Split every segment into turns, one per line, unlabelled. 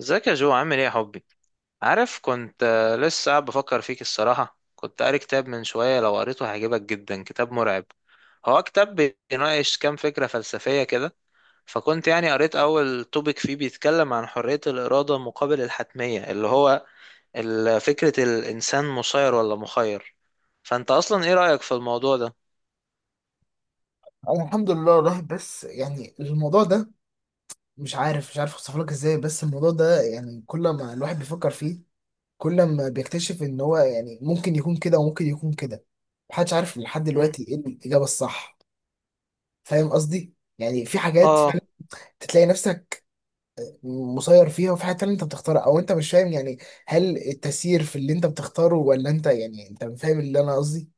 ازيك يا جو؟ عامل ايه يا حبي؟ عارف كنت لسه قاعد بفكر فيك. الصراحة كنت قاري كتاب من شوية، لو قريته هيعجبك جدا. كتاب مرعب. هو كتاب بيناقش كام فكرة فلسفية كده. فكنت يعني قريت أول توبيك فيه بيتكلم عن حرية الإرادة مقابل الحتمية، اللي هو فكرة الإنسان مسير ولا مخير. فأنت أصلا ايه رأيك في الموضوع ده؟
أنا الحمد لله الواحد، بس يعني الموضوع ده مش عارف اوصف لك ازاي. بس الموضوع ده يعني كل ما الواحد بيفكر فيه، كل ما بيكتشف ان هو يعني ممكن يكون كده وممكن يكون كده. محدش عارف لحد
مم.
دلوقتي ايه الاجابه الصح. فاهم قصدي؟ يعني في حاجات فعلا
اه.
تلاقي نفسك مسير فيها، وفي حاجات تانية انت بتختارها. او انت مش فاهم يعني هل التسيير في اللي انت بتختاره ولا انت؟ يعني انت فاهم اللي انا قصدي.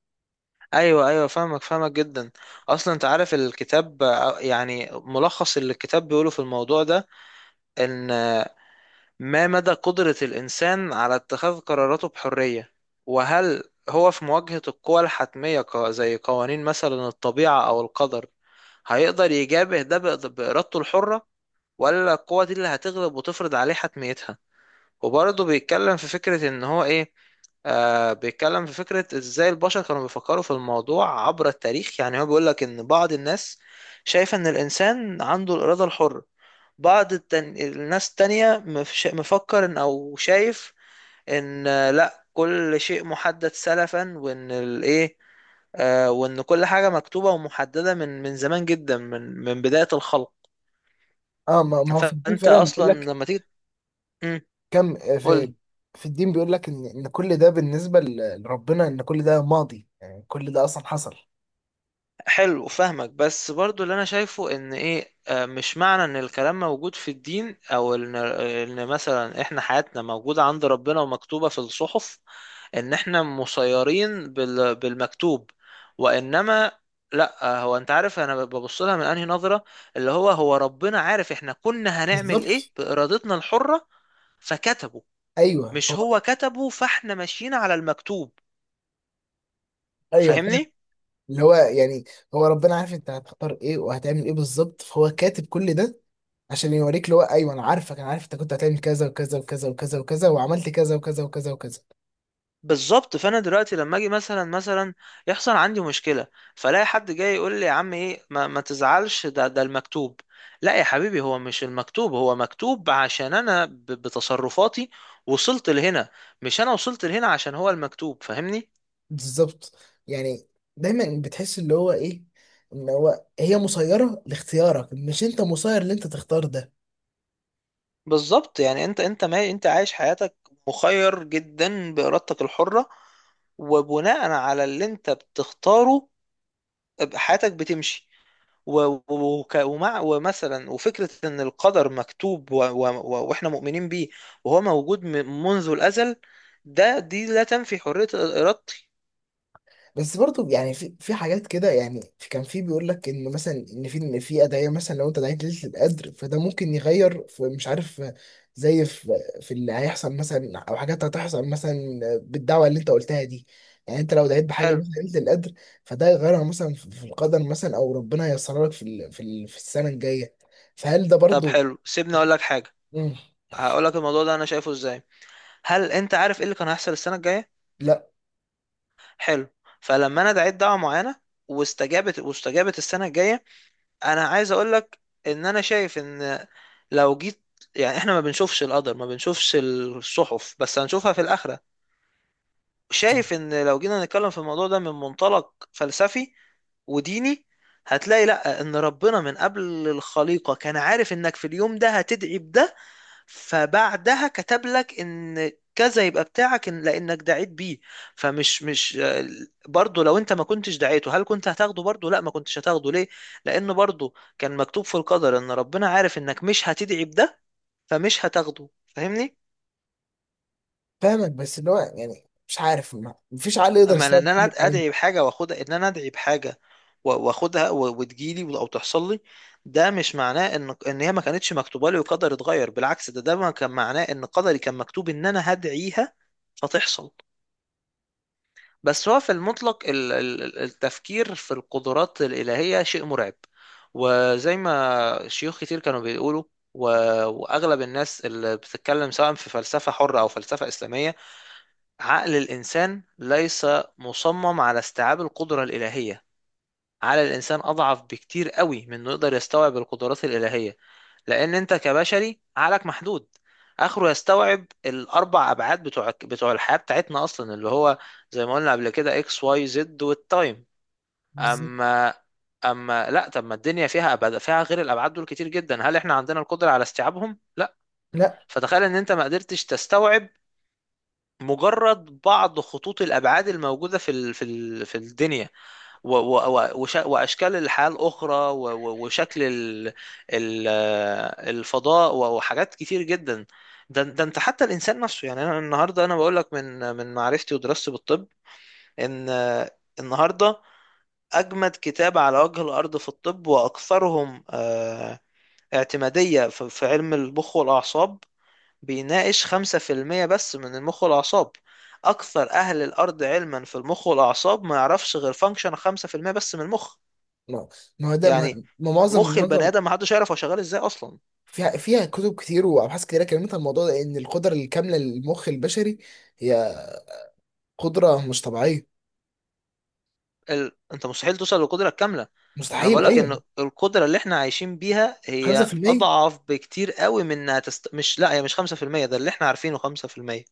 ايوه ايوه، فاهمك فاهمك جدا. اصلا انت عارف الكتاب، يعني ملخص اللي الكتاب بيقوله في الموضوع ده، إن ما مدى قدرة الإنسان على اتخاذ قراراته بحرية. وهل هو في مواجهة القوى الحتمية، زي قوانين مثلا الطبيعة أو القدر، هيقدر يجابه ده بإرادته الحرة، ولا القوة دي اللي هتغلب وتفرض عليه حتميتها؟ وبرضه بيتكلم في فكرة ان هو ايه. بيتكلم في فكرة ازاي البشر كانوا بيفكروا في الموضوع عبر التاريخ. يعني هو بيقولك ان بعض الناس شايفة ان الانسان عنده الارادة الحرة. الناس التانية مفكر ان او شايف ان لا كل شيء محدد سلفا، وان الايه وان كل حاجة مكتوبة ومحددة من زمان جدا من بداية الخلق.
اه، ما هو في الدين
فانت
فعلا بيقول
اصلا
لك.
لما تيجي
كم
قول.
في. في الدين بيقول لك ان كل ده بالنسبه ل- لربنا، ان كل ده ماضي، يعني كل ده اصلا حصل.
حلو، فاهمك. بس برضو اللي انا شايفه ان ايه، مش معنى ان الكلام موجود في الدين، او ان مثلا احنا حياتنا موجودة عند ربنا ومكتوبة في الصحف، ان احنا مسيرين بالمكتوب. وانما لا، هو انت عارف انا ببص لها من انهي نظرة. اللي هو ربنا عارف احنا كنا هنعمل
بالظبط.
ايه بارادتنا الحرة فكتبه،
ايوه
مش
هو.
هو كتبه فاحنا ماشيين على المكتوب.
ايوه فاهم.
فاهمني؟
اللي هو يعني هو ربنا عارف انت هتختار ايه وهتعمل ايه بالظبط، فهو كاتب كل ده عشان يوريك اللي هو: ايوه انا عارفك، انا عارف انت كنت هتعمل كذا وكذا وكذا وكذا وكذا، وعملت كذا وكذا وكذا وكذا.
بالظبط. فانا دلوقتي لما اجي مثلا يحصل عندي مشكله، فلاقي حد جاي يقول لي يا عم ايه، ما تزعلش، ده المكتوب. لا يا حبيبي، هو مش المكتوب، هو مكتوب عشان انا بتصرفاتي وصلت لهنا. مش انا وصلت لهنا عشان هو المكتوب. فاهمني؟
بالظبط. يعني دايما بتحس اللي هو ايه؟ ان هو، هي مسيره لاختيارك، مش انت مسير اللي انت تختار ده.
بالظبط. يعني انت ما انت عايش حياتك مخير جدا بارادتك الحره. وبناء على اللي انت بتختاره حياتك بتمشي. ومع ومثلا وفكرة إن القدر مكتوب وإحنا مؤمنين بيه، وهو موجود منذ الأزل. دي لا تنفي حرية إرادتي.
بس برضو يعني في حاجات كده. يعني في كان في بيقول لك ان مثلا ان في إن في ادعيه، مثلا لو انت دعيت ليله القدر فده ممكن يغير في، مش عارف، زي في اللي هيحصل مثلا، او حاجات هتحصل مثلا بالدعوه اللي انت قلتها دي. يعني انت لو دعيت بحاجه
حلو.
مثلا ليله القدر، فده يغيرها مثلا في القدر مثلا، او ربنا ييسرها لك في السنه الجايه. فهل ده
طب
برضو؟
حلو، سيبني أقول لك حاجة.
مم.
هقول لك الموضوع ده أنا شايفه إزاي. هل أنت عارف إيه اللي كان هيحصل السنة الجاية؟
لا،
حلو. فلما أنا دعيت دعوة معينة واستجابت السنة الجاية، أنا عايز أقول لك إن أنا شايف إن لو جيت، يعني إحنا ما بنشوفش القدر، ما بنشوفش الصحف بس هنشوفها في الآخرة، شايف ان لو جينا نتكلم في الموضوع ده من منطلق فلسفي وديني، هتلاقي لا، ان ربنا من قبل الخليقة كان عارف انك في اليوم ده هتدعي بده، فبعدها كتب لك ان كذا يبقى بتاعك لانك دعيت بيه. فمش مش برضه، لو انت ما كنتش دعيته هل كنت هتاخده برضه؟ لا، ما كنتش هتاخده. ليه؟ لان برضه كان مكتوب في القدر ان ربنا عارف انك مش هتدعي بده، فمش هتاخده. فاهمني؟
فاهمك. بس اللي هو يعني مش عارف، مفيش عقل يقدر
اما ان
يستوعب كل
انا
الكلام ده.
ادعي بحاجه واخدها، ان انا ادعي بحاجه واخدها وتجيلي او تحصل لي، ده مش معناه ان هي ما كانتش مكتوبه لي وقدر اتغير. بالعكس، ده ما كان معناه ان قدري كان مكتوب ان انا هدعيها فتحصل. بس هو في المطلق، التفكير في القدرات الالهيه شيء مرعب. وزي ما شيوخ كتير كانوا بيقولوا، و- واغلب الناس اللي بتتكلم سواء في فلسفه حره او فلسفه اسلاميه، عقل الإنسان ليس مصمم على استيعاب القدرة الإلهية. عقل الإنسان أضعف بكتير قوي من إنه يقدر يستوعب القدرات الإلهية. لأن أنت كبشري عقلك محدود. آخره يستوعب الأربع أبعاد بتوع الحياة بتاعتنا أصلا، اللي هو زي ما قلنا قبل كده إكس واي زد والتايم.
بالظبط.
أما لا، طب ما الدنيا فيها أبعاد فيها غير الأبعاد دول كتير جدا. هل إحنا عندنا القدرة على استيعابهم؟ لا.
لا.
فتخيل إن أنت ما قدرتش تستوعب مجرد بعض خطوط الأبعاد الموجودة في الدنيا، وأشكال الحياة الأخرى وشكل الفضاء، وحاجات كتير جدا. ده انت حتى الإنسان نفسه. يعني أنا النهاردة أنا بقول لك من معرفتي ودراستي بالطب، إن النهاردة أجمد كتاب على وجه الأرض في الطب وأكثرهم اعتمادية في علم المخ والأعصاب بيناقش 5% بس من المخ والأعصاب. أكثر أهل الأرض علما في المخ والأعصاب ما يعرفش غير فانكشن 5% بس من المخ.
ما ما هو ده. ما
يعني
ما معظم
مخ البني
معظم
آدم ما حدش يعرف هو شغال إزاي أصلا.
فيها كتب كتير وابحاث كتيره كلمت عن الموضوع ده ان القدره الكامله للمخ البشري هي قدره مش طبيعيه.
أنت مستحيل توصل للقدرة الكاملة. أنا
مستحيل،
بقولك
ايوه.
إن القدرة اللي إحنا عايشين بيها هي
5%.
أضعف بكتير قوي من إنها مش، لا هي مش 5%، ده اللي إحنا عارفينه 5%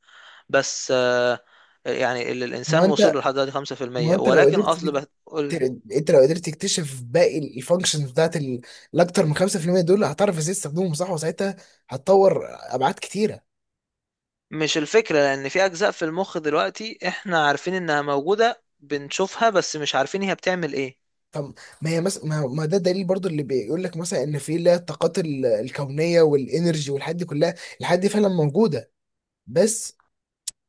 بس. يعني اللي
ما هو
الإنسان وصل
انت
له لحد دلوقتي
ما هو
5%،
انت لو
ولكن
قدرت
أصل بقى
تر- انت لو قدرت تكتشف باقي الفانكشنز بتاعت ال- الاكتر من 5% دول، هتعرف ازاي تستخدمهم صح، وساعتها هتطور ابعاد كتيره.
مش الفكرة. لأن في أجزاء في المخ دلوقتي إحنا عارفين إنها موجودة بنشوفها بس مش عارفين هي بتعمل إيه.
فما هي مس... ما... ما ده دليل برضو اللي بيقول لك مثلا ان في اللي هي الطاقات ال- الكونيه والانرجي والحاجات دي كلها. الحاجات دي فعلا موجوده، بس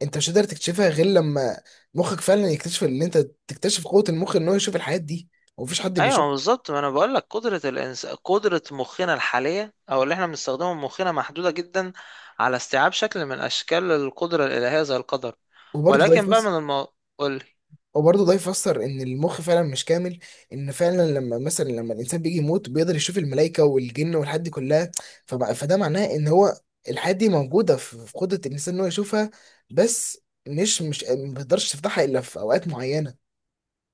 انت مش قادر تكتشفها غير لما مخك فعلا يكتشف ان انت تكتشف قوة المخ ان هو يشوف الحاجات دي. ومفيش حد بيشوف.
أيوة بالظبط، ما أنا بقول لك قدرة قدرة مخنا الحالية أو اللي إحنا بنستخدمه مخنا محدودة جدا على استيعاب شكل من أشكال القدرة الإلهية زي القدر.
وبرضه ده
ولكن بقى
يفسر.
من قولي.
وبرضه ده يفسر ان المخ فعلا مش كامل، ان فعلا لما مثلا لما الانسان بيجي يموت بيقدر يشوف الملائكة والجن والحاجات دي كلها. فبقى فده معناه ان هو، الحاجات دي موجودة في قدرة الانسان ان هو يشوفها، بس مش ما بيقدرش تفتحها الا في اوقات معينة.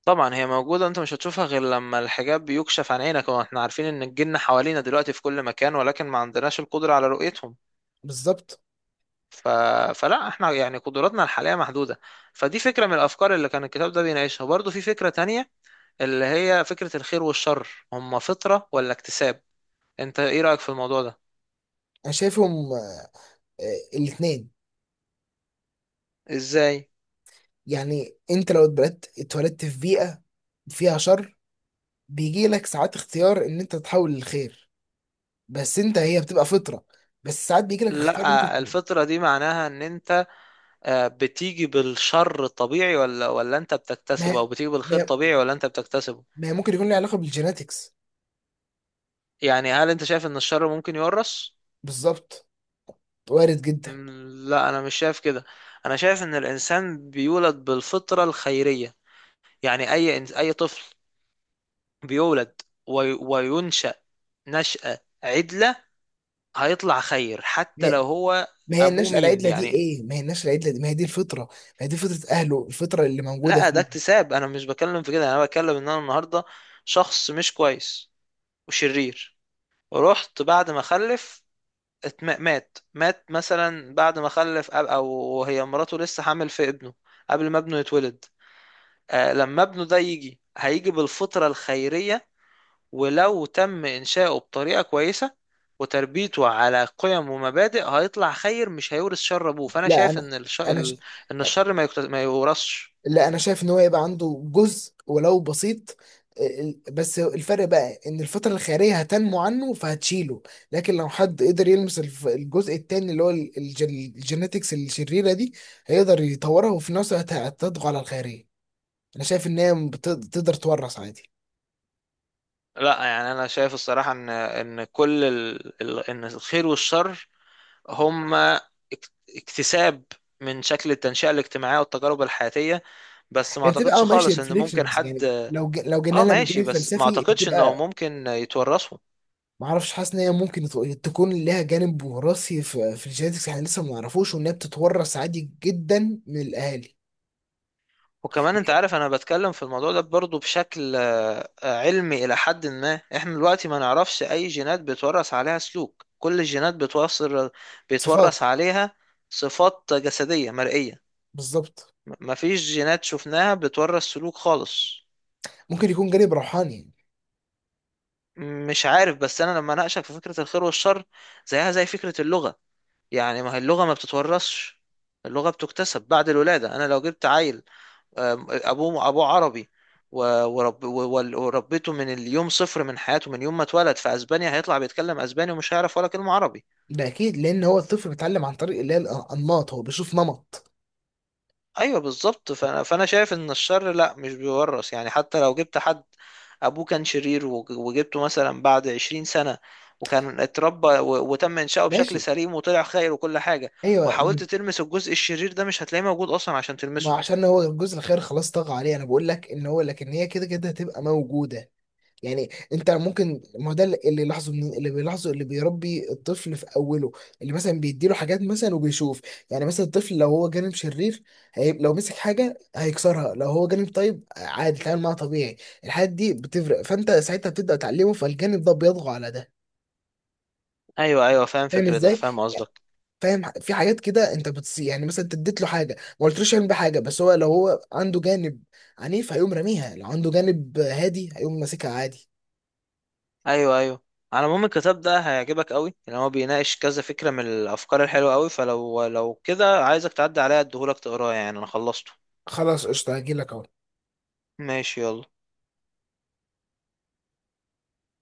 طبعا هي موجودة، أنت مش هتشوفها غير لما الحجاب بيكشف عن عينك. وإحنا عارفين إن الجن حوالينا دلوقتي في كل مكان، ولكن ما عندناش القدرة على رؤيتهم.
بالظبط.
ف... فلا احنا يعني قدراتنا الحالية محدودة. فدي فكرة من الأفكار اللي كان الكتاب ده بيناقشها. برضه في فكرة تانية، اللي هي فكرة الخير والشر هما فطرة ولا اكتساب. انت ايه رأيك في الموضوع ده؟
انا شايفهم الاتنين.
ازاي؟
يعني انت لو اتبلدت اتولدت في بيئة فيها شر، بيجي لك ساعات اختيار ان انت تتحول للخير. بس انت هي بتبقى فطره. بس ساعات بيجي لك اختيار ان انت ت-.
لا الفطرة دي معناها ان انت بتيجي بالشر الطبيعي، ولا انت
ما
بتكتسبه،
هي
او بتيجي
ما
بالخير
هي
طبيعي ولا انت بتكتسبه.
ما هي ممكن يكون له علاقه بالجيناتكس.
يعني هل انت شايف ان الشر ممكن يورث؟
بالظبط، وارد جدا.
لا انا مش شايف كده. انا شايف ان الانسان بيولد بالفطرة الخيرية. يعني اي اي طفل بيولد وي- وينشأ نشأة عدلة هيطلع خير،
ما
حتى
هي
لو هو
ما هي
أبوه
النشأة
مين
العدلة دي
يعني.
ايه؟ ما هي النشأة العدلة دي؟ ما هي دي الفطرة! ما هي دي فطرة اهله، الفطرة اللي موجودة
لا ده
فيه.
اكتساب، أنا مش بكلم في كده. أنا بكلم إن أنا النهاردة شخص مش كويس وشرير، ورحت بعد ما خلف، مات مثلا بعد ما خلف أب، أو هي مراته لسه حامل في ابنه قبل ما ابنه يتولد. لما ابنه ده يجي هيجي بالفطرة الخيرية. ولو تم إنشاؤه بطريقة كويسة وتربيته على قيم ومبادئ، هيطلع خير مش هيورث شر أبوه. فأنا
لا
شايف
انا.
إن
انا ش...
إن الشر ما يورثش.
لا انا شايف ان هو يبقى عنده جزء ولو بسيط. بس الفرق بقى ان الفترة الخيرية هتنمو عنه فهتشيله، لكن لو حد قدر يلمس الجزء التاني، اللي هو الجينيتكس الشريرة دي، هيقدر يطورها وفي نفس الوقت هتضغط على الخيرية. انا شايف ان هي تقدر تورث عادي.
لا يعني أنا شايف الصراحة إن كل إن الخير والشر هما اك- اكتساب من شكل التنشئة الاجتماعية والتجارب الحياتية. بس ما
هي بتبقى
أعتقدش
اه ماشي
خالص إن ممكن
ريفليكشنز.
حد.
يعني لو لو جينا
آه
لها من
ماشي،
الجانب
بس ما
الفلسفي
أعتقدش إنهم
بتبقى.
ممكن يتورثوا.
معرفش، حاسس ان هي ممكن تكون لها جانب وراثي في الجينيتكس، احنا لسه ما نعرفوش، وان هي بتتورث عادي جدا من الاهالي.
وكمان انت عارف انا بتكلم في الموضوع ده برضه بشكل علمي الى حد ما. احنا دلوقتي ما نعرفش اي جينات بيتورث عليها سلوك. كل الجينات بتوصل بيتورث
صفات.
عليها صفات جسدية مرئية.
بالظبط.
مفيش جينات شفناها بتورث سلوك خالص.
ممكن يكون جانب روحاني.
مش عارف. بس انا لما اناقشك في فكرة الخير والشر زيها زي فكرة اللغة. يعني ما هي اللغة ما بتتورثش. اللغة بتكتسب بعد الولادة. انا لو جبت عيل، ابوه عربي و- ورب و- وربيته من اليوم صفر من حياته، من يوم ما اتولد، في اسبانيا، هيطلع بيتكلم اسباني ومش هيعرف ولا كلمة عربي.
ده اكيد لان هو الطفل بيتعلم عن طريق اللي هي الانماط، هو بيشوف نمط.
ايوه بالظبط. فانا شايف ان الشر لا مش بيورث. يعني حتى لو جبت حد ابوه كان شرير وجبته مثلا بعد 20 سنة، وكان اتربى وتم انشاؤه بشكل
ماشي.
سليم وطلع خير وكل حاجة،
ايوه
وحاولت تلمس الجزء الشرير ده مش هتلاقيه موجود اصلا عشان
ما
تلمسه.
عشان هو الجزء الخير خلاص طغى عليه. انا بقول لك ان هو لكن هي كده كده هتبقى موجوده. يعني انت ممكن، ما هو ده اللي بيلاحظه، من اللي بيلاحظه اللي بيربي الطفل في اوله، اللي مثلا بيديله حاجات مثلا وبيشوف. يعني مثلا الطفل لو هو جانب شرير، هي... لو مسك حاجه هيكسرها، لو هو جانب طيب عادي يتعامل معاها طبيعي. الحاجات دي بتفرق، فانت ساعتها بتبدا تعلمه فالجانب ده بيطغى على ده.
ايوه ايوه، فاهم
فاهم
فكرتك
ازاي؟
فاهم
يعني
قصدك.
فاهم، في حاجات كده انت بتص، يعني مثلا انت اديت له حاجه ما قلتلوش يعمل بيها حاجه، بس هو لو هو عنده جانب عنيف هيقوم راميها، لو عنده جانب هادي هيقوم ماسكها عادي.
ايوه ايوه. على العموم الكتاب ده هيعجبك قوي لان هو بيناقش كذا فكره من الافكار الحلوه قوي. فلو كده عايزك تعدي عليا اديهولك تقراه، يعني انا خلصته.
خلاص قشطه، هجيلك اهو.
ماشي، يلا.